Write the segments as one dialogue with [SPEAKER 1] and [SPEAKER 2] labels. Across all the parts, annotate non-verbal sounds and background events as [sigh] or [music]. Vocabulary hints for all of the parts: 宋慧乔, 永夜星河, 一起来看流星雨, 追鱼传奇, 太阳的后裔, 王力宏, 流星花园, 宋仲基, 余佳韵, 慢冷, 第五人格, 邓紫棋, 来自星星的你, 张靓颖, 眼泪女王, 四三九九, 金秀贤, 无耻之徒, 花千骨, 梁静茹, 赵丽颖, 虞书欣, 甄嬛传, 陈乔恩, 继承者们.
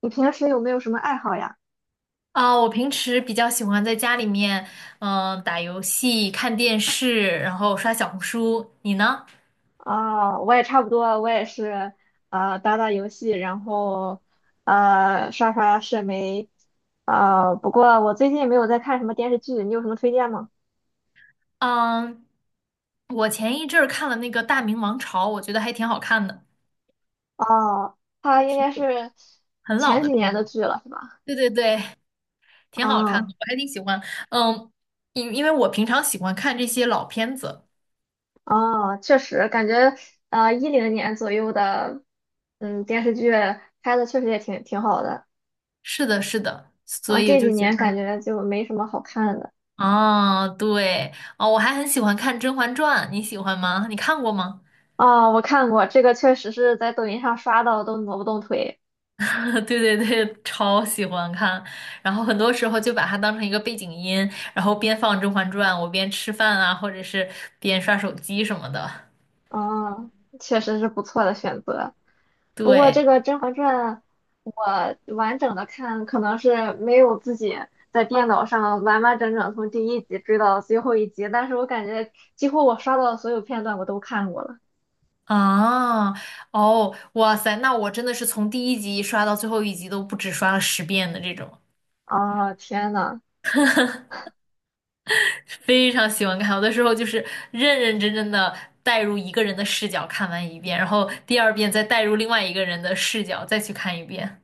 [SPEAKER 1] 你平时有没有什么爱好呀？
[SPEAKER 2] 啊，我平时比较喜欢在家里面，嗯，打游戏、看电视，然后刷小红书。你呢？
[SPEAKER 1] 啊，我也差不多，我也是，打打游戏，然后，刷刷社媒，啊，不过我最近没有在看什么电视剧，你有什么推荐吗？
[SPEAKER 2] 嗯，我前一阵儿看了那个《大明王朝》，我觉得还挺好看的，
[SPEAKER 1] 哦，它应
[SPEAKER 2] 是一
[SPEAKER 1] 该
[SPEAKER 2] 部
[SPEAKER 1] 是
[SPEAKER 2] 很老
[SPEAKER 1] 前
[SPEAKER 2] 的
[SPEAKER 1] 几
[SPEAKER 2] 片
[SPEAKER 1] 年
[SPEAKER 2] 子。
[SPEAKER 1] 的剧了，是吧？
[SPEAKER 2] 对对对，挺好看
[SPEAKER 1] 啊
[SPEAKER 2] 的，我还挺喜欢。嗯，因为我平常喜欢看这些老片子。
[SPEAKER 1] 啊，确实，感觉2010年左右的，电视剧拍的确实也挺好的，
[SPEAKER 2] 是的，是的，
[SPEAKER 1] 然
[SPEAKER 2] 所
[SPEAKER 1] 后
[SPEAKER 2] 以我
[SPEAKER 1] 这
[SPEAKER 2] 就
[SPEAKER 1] 几
[SPEAKER 2] 觉
[SPEAKER 1] 年感
[SPEAKER 2] 得，
[SPEAKER 1] 觉就没什么好看的。
[SPEAKER 2] 啊，对，哦，我还很喜欢看《甄嬛传》，你喜欢吗？你看过吗？
[SPEAKER 1] 哦，我看过这个，确实是在抖音上刷到都挪不动腿。
[SPEAKER 2] [laughs] 对对对，超喜欢看，然后很多时候就把它当成一个背景音，然后边放《甄嬛传》，我边吃饭啊，或者是边刷手机什么的。
[SPEAKER 1] 嗯，确实是不错的选择。不过
[SPEAKER 2] 对
[SPEAKER 1] 这个《甄嬛传》，我完整的看可能是没有自己在电脑上完完整整从第一集追到最后一集，但是我感觉几乎我刷到的所有片段我都看过了。
[SPEAKER 2] 啊，哦，哇塞，那我真的是从第一集刷到最后一集都不止刷了十遍的这种，
[SPEAKER 1] 啊，天呐，
[SPEAKER 2] 非常喜欢看。有的时候就是认认真真的带入一个人的视角看完一遍，然后第二遍再带入另外一个人的视角再去看一遍。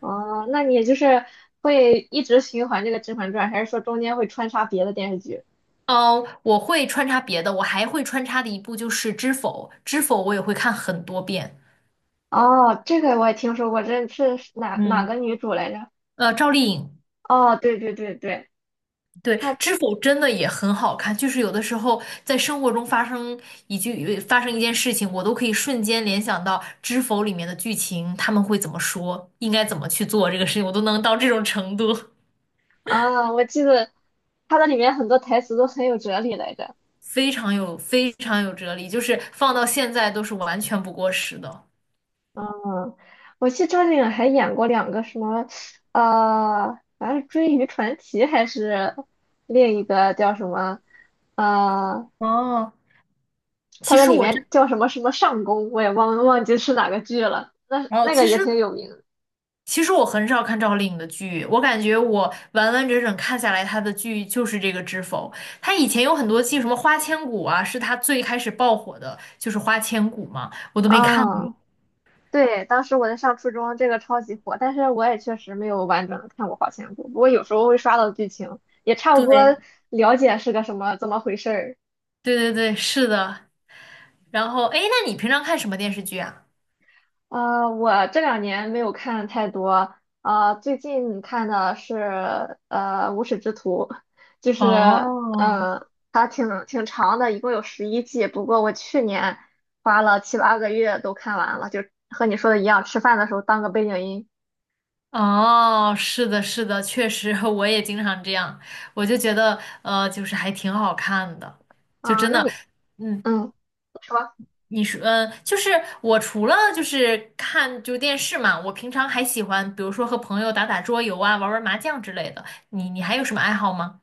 [SPEAKER 1] 哦，那你就是会一直循环这个《甄嬛传》，还是说中间会穿插别的电视剧？
[SPEAKER 2] 哦，我会穿插别的，我还会穿插的一部就是《知否》，《知否》我也会看很多遍。
[SPEAKER 1] 哦，这个我也听说过，这是哪哪
[SPEAKER 2] 嗯，
[SPEAKER 1] 个女主来着？
[SPEAKER 2] 赵丽颖，
[SPEAKER 1] 哦，对对对对，
[SPEAKER 2] 对，
[SPEAKER 1] 他
[SPEAKER 2] 《知否》真的也很好看，就是有的时候在生活中发生发生一件事情，我都可以瞬间联想到《知否》里面的剧情，他们会怎么说，应该怎么去做这个事情，我都能到这种程度，
[SPEAKER 1] 啊，我记得他的里面很多台词都很有哲理来着。
[SPEAKER 2] 非常有哲理，就是放到现在都是完全不过时的。
[SPEAKER 1] 嗯，我记得张靓颖还演过2个什么，好像是《追鱼传奇》还是另一个叫什么，呃，
[SPEAKER 2] 哦，
[SPEAKER 1] 他
[SPEAKER 2] 其
[SPEAKER 1] 在
[SPEAKER 2] 实
[SPEAKER 1] 里
[SPEAKER 2] 我
[SPEAKER 1] 面
[SPEAKER 2] 真，
[SPEAKER 1] 叫什么什么上宫，我也忘记是哪个剧了。那
[SPEAKER 2] 哦，
[SPEAKER 1] 那个也挺有名的
[SPEAKER 2] 其实我很少看赵丽颖的剧，我感觉我完完整整看下来，她的剧就是这个《知否》。她以前有很多季，什么《花千骨》啊，是她最开始爆火的，就是《花千骨》嘛，我都没看过。
[SPEAKER 1] 啊。对，当时我在上初中，这个超级火，但是我也确实没有完整的看过《花千骨》，不过有时候会刷到剧情，也差不
[SPEAKER 2] 对，
[SPEAKER 1] 多了解是个什么怎么回事儿。
[SPEAKER 2] 对对对，是的。然后，哎，那你平常看什么电视剧啊？
[SPEAKER 1] 我这两年没有看太多，最近看的是《无耻之徒》，就是
[SPEAKER 2] 哦，
[SPEAKER 1] 它挺长的，一共有11季，不过我去年花了7、8个月都看完了，就和你说的一样，吃饭的时候当个背景音。
[SPEAKER 2] 哦，是的，是的，确实，[laughs] 我也经常这样，我就觉得，就是还挺好看的，就
[SPEAKER 1] 啊、
[SPEAKER 2] 真
[SPEAKER 1] 那
[SPEAKER 2] 的，
[SPEAKER 1] 你
[SPEAKER 2] 嗯，
[SPEAKER 1] 嗯。说。
[SPEAKER 2] 你说，嗯，就是我除了就是看电视嘛，我平常还喜欢，比如说和朋友打打桌游啊，玩玩麻将之类的。你还有什么爱好吗？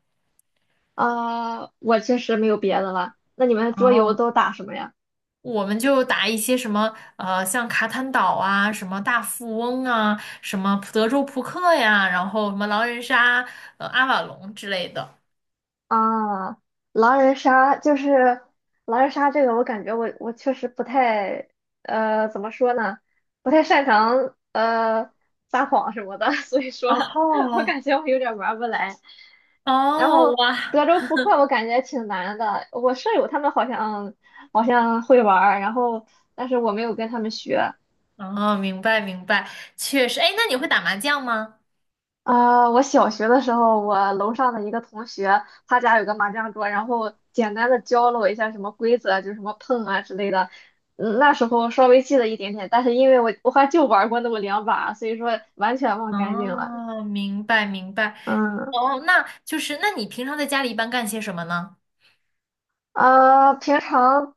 [SPEAKER 1] 啊，我确实没有别的了。那你们桌游
[SPEAKER 2] 哦，
[SPEAKER 1] 都打什么呀？
[SPEAKER 2] 我们就打一些什么像卡坦岛啊，什么大富翁啊，什么德州扑克呀，然后什么狼人杀、阿瓦隆之类的。
[SPEAKER 1] 啊，狼人杀就是狼人杀这个，我感觉我确实不太怎么说呢，不太擅长撒谎什么的，[laughs] 所以说我
[SPEAKER 2] 哦
[SPEAKER 1] 感觉我有点玩不来。然
[SPEAKER 2] 哦，
[SPEAKER 1] 后
[SPEAKER 2] 哇，
[SPEAKER 1] 德州扑克我感觉挺难的，我舍友他们好像会玩儿然后但是我没有跟他们学。
[SPEAKER 2] 哦，明白明白，确实。哎，那你会打麻将吗？
[SPEAKER 1] 啊，我小学的时候，我楼上的一个同学，他家有个麻将桌，然后简单的教了我一下什么规则，就是什么碰啊之类的。那时候稍微记得一点点，但是因为我还就玩过那么2把，所以说完全忘干净了。
[SPEAKER 2] 哦，明白明白。
[SPEAKER 1] 嗯，
[SPEAKER 2] 哦，那就是，那你平常在家里一般干些什么呢？
[SPEAKER 1] 啊，平常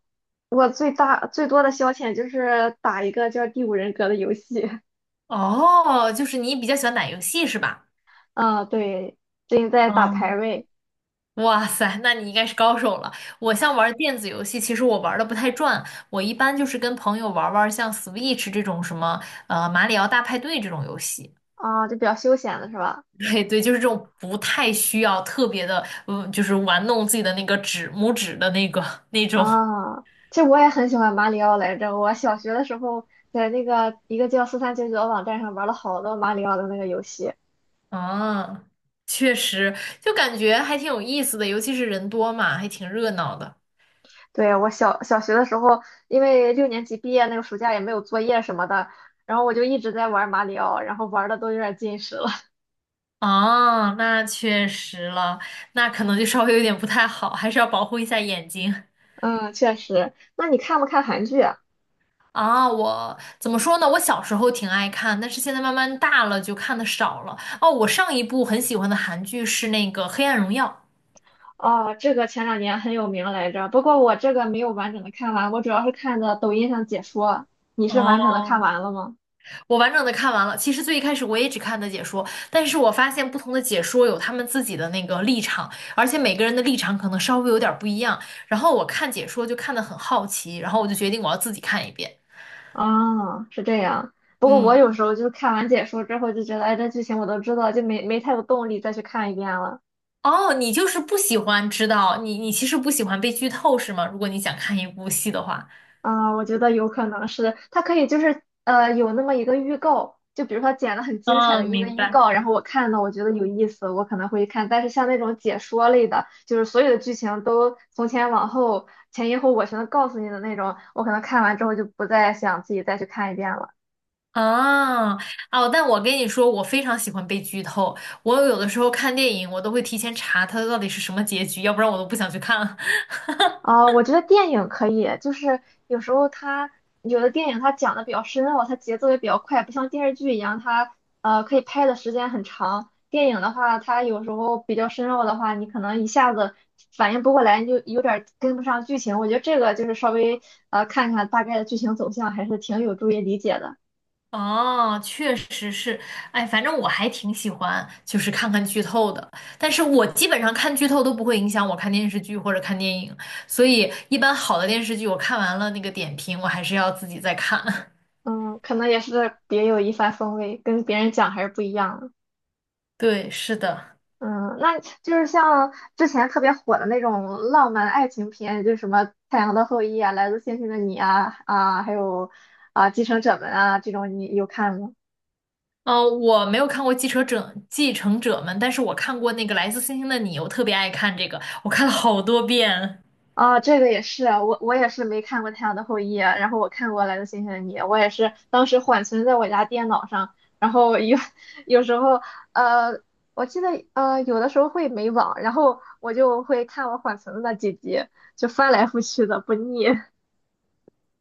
[SPEAKER 1] 我最大最多的消遣就是打一个叫《第五人格》的游戏。[laughs]
[SPEAKER 2] 哦，就是你比较喜欢打游戏是吧？
[SPEAKER 1] 嗯，对，最近在打
[SPEAKER 2] 嗯，
[SPEAKER 1] 排位
[SPEAKER 2] 哇塞，那你应该是高手了。我像玩电子游戏，其实我玩的不太转，我一般就是跟朋友玩玩像 Switch 这种什么马里奥大派对这种游戏。
[SPEAKER 1] 啊，就比较休闲了，是吧？
[SPEAKER 2] [laughs] 对对，就是这种不太需要特别的，嗯，就是玩弄自己的那个拇指的那个那种。
[SPEAKER 1] 啊，其实我也很喜欢马里奥来着。我小学的时候在那个一个叫4399的网站上玩了好多马里奥的那个游戏。
[SPEAKER 2] 啊，确实，就感觉还挺有意思的，尤其是人多嘛，还挺热闹的。
[SPEAKER 1] 对，我小学的时候，因为6年级毕业那个暑假也没有作业什么的，然后我就一直在玩马里奥，然后玩的都有点近视了。
[SPEAKER 2] 哦，那确实了，那可能就稍微有点不太好，还是要保护一下眼睛。
[SPEAKER 1] [laughs] 嗯，确实。那你看不看韩剧啊？
[SPEAKER 2] 啊，我怎么说呢？我小时候挺爱看，但是现在慢慢大了就看的少了。哦，我上一部很喜欢的韩剧是那个《黑暗荣耀》。
[SPEAKER 1] 哦，这个前两年很有名来着，不过我这个没有完整的看完，我主要是看的抖音上解说。你是完整的看
[SPEAKER 2] 哦，
[SPEAKER 1] 完了吗？
[SPEAKER 2] 我完整的看完了。其实最一开始我也只看的解说，但是我发现不同的解说有他们自己的那个立场，而且每个人的立场可能稍微有点儿不一样。然后我看解说就看得很好奇，然后我就决定我要自己看一遍。
[SPEAKER 1] 啊，是这样。不过我
[SPEAKER 2] 嗯，
[SPEAKER 1] 有时候就是看完解说之后就觉得，哎，这剧情我都知道，就没太有动力再去看一遍了。
[SPEAKER 2] 哦，你就是不喜欢知道，你其实不喜欢被剧透是吗？如果你想看一部戏的话，
[SPEAKER 1] 啊，我觉得有可能是它可以就是有那么一个预告，就比如说剪了很精彩的
[SPEAKER 2] 嗯，
[SPEAKER 1] 一个
[SPEAKER 2] 明
[SPEAKER 1] 预
[SPEAKER 2] 白。
[SPEAKER 1] 告，然后我看到我觉得有意思，我可能会看。但是像那种解说类的，就是所有的剧情都从前往后、前因后果全都告诉你的那种，我可能看完之后就不再想自己再去看一遍了。
[SPEAKER 2] 啊哦，但我跟你说，我非常喜欢被剧透。我有的时候看电影，我都会提前查它到底是什么结局，要不然我都不想去看了。[laughs]
[SPEAKER 1] 啊，我觉得电影可以，就是有时候有的电影它讲的比较深奥，它节奏也比较快，不像电视剧一样，它可以拍的时间很长。电影的话，它有时候比较深奥的话，你可能一下子反应不过来，你就有点儿跟不上剧情。我觉得这个就是稍微看看大概的剧情走向，还是挺有助于理解的。
[SPEAKER 2] 哦，确实是，哎，反正我还挺喜欢，就是看看剧透的。但是我基本上看剧透都不会影响我看电视剧或者看电影，所以一般好的电视剧我看完了那个点评，我还是要自己再看。
[SPEAKER 1] 嗯，可能也是别有一番风味，跟别人讲还是不一样的。
[SPEAKER 2] [laughs] 对，是的，
[SPEAKER 1] 嗯，那就是像之前特别火的那种浪漫爱情片，就是什么《太阳的后裔》啊，《来自星星的你》啊，还有啊《继承者们》啊，这种你有看吗？
[SPEAKER 2] 哦，我没有看过《继承者们》，但是我看过那个《来自星星的你》，我特别爱看这个，我看了好多遍。
[SPEAKER 1] 啊，这个也是，我也是没看过《太阳的后裔》，然后我看过《来自星星的你》，我也是当时缓存在我家电脑上，然后有 [laughs] 有时候呃，我记得有的时候会没网，然后我就会看我缓存的那几集，就翻来覆去的不腻。[laughs]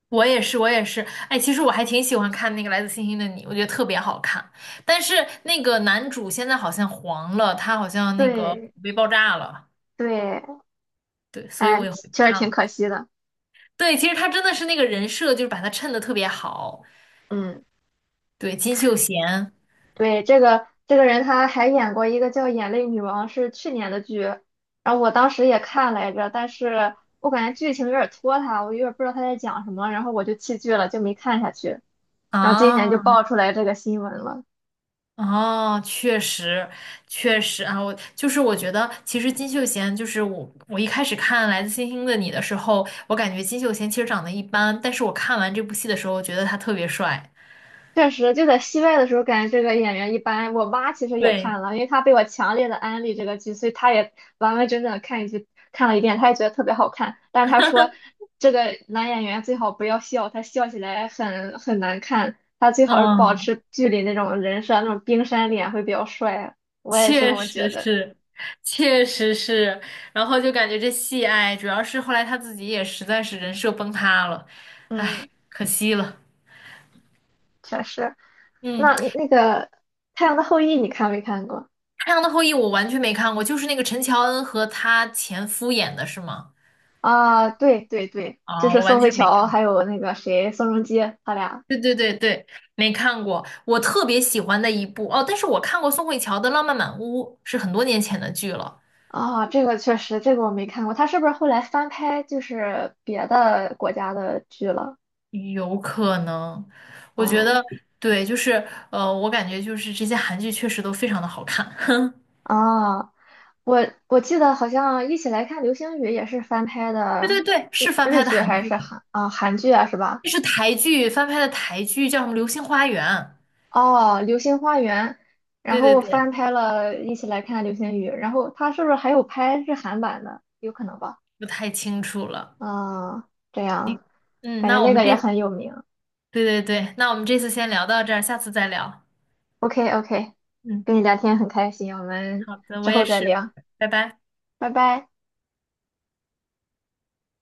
[SPEAKER 2] 我也是，我也是。哎，其实我还挺喜欢看那个《来自星星的你》，我觉得特别好看。但是那个男主现在好像黄了，他好像那个
[SPEAKER 1] 对
[SPEAKER 2] 被爆炸了，
[SPEAKER 1] 对，
[SPEAKER 2] 对，所以我
[SPEAKER 1] 哎，
[SPEAKER 2] 也会不
[SPEAKER 1] 确实
[SPEAKER 2] 看
[SPEAKER 1] 挺
[SPEAKER 2] 了。
[SPEAKER 1] 可惜的。
[SPEAKER 2] 对，其实他真的是那个人设，就是把他衬得特别好。
[SPEAKER 1] 嗯，
[SPEAKER 2] 对，金秀贤
[SPEAKER 1] 对，这个人他还演过一个叫《眼泪女王》，是去年的剧，然后我当时也看来着，但是我感觉剧情有点拖沓，我有点不知道他在讲什么，然后我就弃剧了，就没看下去。然后今年就
[SPEAKER 2] 啊，
[SPEAKER 1] 爆出来这个新闻了。
[SPEAKER 2] 哦，确实，确实啊，我就是我觉得，其实金秀贤就是我，我一开始看《来自星星的你》的时候，我感觉金秀贤其实长得一般，但是我看完这部戏的时候，我觉得他特别帅。
[SPEAKER 1] 确实，就在戏外的时候，感觉这个演员一般。我妈其实也
[SPEAKER 2] 对，
[SPEAKER 1] 看了，因为她被我强烈的安利这个剧，所以她也完完整整地看一集，看了一遍，她也觉得特别好看。但是她说，这个男演员最好不要笑，他笑起来很难看。他最好是保
[SPEAKER 2] 嗯，
[SPEAKER 1] 持剧里那种人设，那种冰山脸会比较帅。我也是这
[SPEAKER 2] 确
[SPEAKER 1] 么觉
[SPEAKER 2] 实
[SPEAKER 1] 得。
[SPEAKER 2] 是，确实是，然后就感觉这戏，哎，主要是后来他自己也实在是人设崩塌了，
[SPEAKER 1] 嗯，
[SPEAKER 2] 可惜了。
[SPEAKER 1] 确实。
[SPEAKER 2] 嗯，
[SPEAKER 1] 那个《太阳的后裔》，你看没看过？
[SPEAKER 2] 《太阳的后裔》我完全没看过，就是那个陈乔恩和她前夫演的是吗？
[SPEAKER 1] 啊，对对对，就
[SPEAKER 2] 啊、
[SPEAKER 1] 是
[SPEAKER 2] 我
[SPEAKER 1] 宋
[SPEAKER 2] 完
[SPEAKER 1] 慧
[SPEAKER 2] 全没
[SPEAKER 1] 乔
[SPEAKER 2] 看，
[SPEAKER 1] 还有那个谁，宋仲基，他俩。
[SPEAKER 2] 对对对对，没看过。我特别喜欢的一部哦，但是我看过宋慧乔的《浪漫满屋》，是很多年前的剧了，
[SPEAKER 1] 啊，这个确实，这个我没看过。他是不是后来翻拍就是别的国家的剧了？
[SPEAKER 2] 有可能。我觉
[SPEAKER 1] 嗯，
[SPEAKER 2] 得对，我感觉就是这些韩剧确实都非常的好看。
[SPEAKER 1] 啊，我记得好像《一起来看流星雨》也是翻拍
[SPEAKER 2] 对对
[SPEAKER 1] 的
[SPEAKER 2] 对，是
[SPEAKER 1] 日
[SPEAKER 2] 翻
[SPEAKER 1] 日
[SPEAKER 2] 拍的
[SPEAKER 1] 剧
[SPEAKER 2] 韩
[SPEAKER 1] 还
[SPEAKER 2] 剧，
[SPEAKER 1] 是韩剧啊是吧？
[SPEAKER 2] 这是台剧翻拍的台剧，叫什么《流星花园》？
[SPEAKER 1] 哦，《流星花园》，然
[SPEAKER 2] 对对
[SPEAKER 1] 后
[SPEAKER 2] 对，
[SPEAKER 1] 翻拍了《一起来看流星雨》，然后他是不是还有拍日韩版的？有可能吧？
[SPEAKER 2] 不太清楚了。
[SPEAKER 1] 啊，这样，
[SPEAKER 2] 嗯，
[SPEAKER 1] 感觉
[SPEAKER 2] 那我
[SPEAKER 1] 那
[SPEAKER 2] 们
[SPEAKER 1] 个也
[SPEAKER 2] 这，
[SPEAKER 1] 很有名。
[SPEAKER 2] 对对对，那我们这次先聊到这儿，下次再聊。
[SPEAKER 1] OK OK,
[SPEAKER 2] 嗯，
[SPEAKER 1] 跟你聊天很开心，我们
[SPEAKER 2] 好的，
[SPEAKER 1] 之
[SPEAKER 2] 我也
[SPEAKER 1] 后再
[SPEAKER 2] 是，
[SPEAKER 1] 聊。
[SPEAKER 2] 拜拜。
[SPEAKER 1] 拜拜。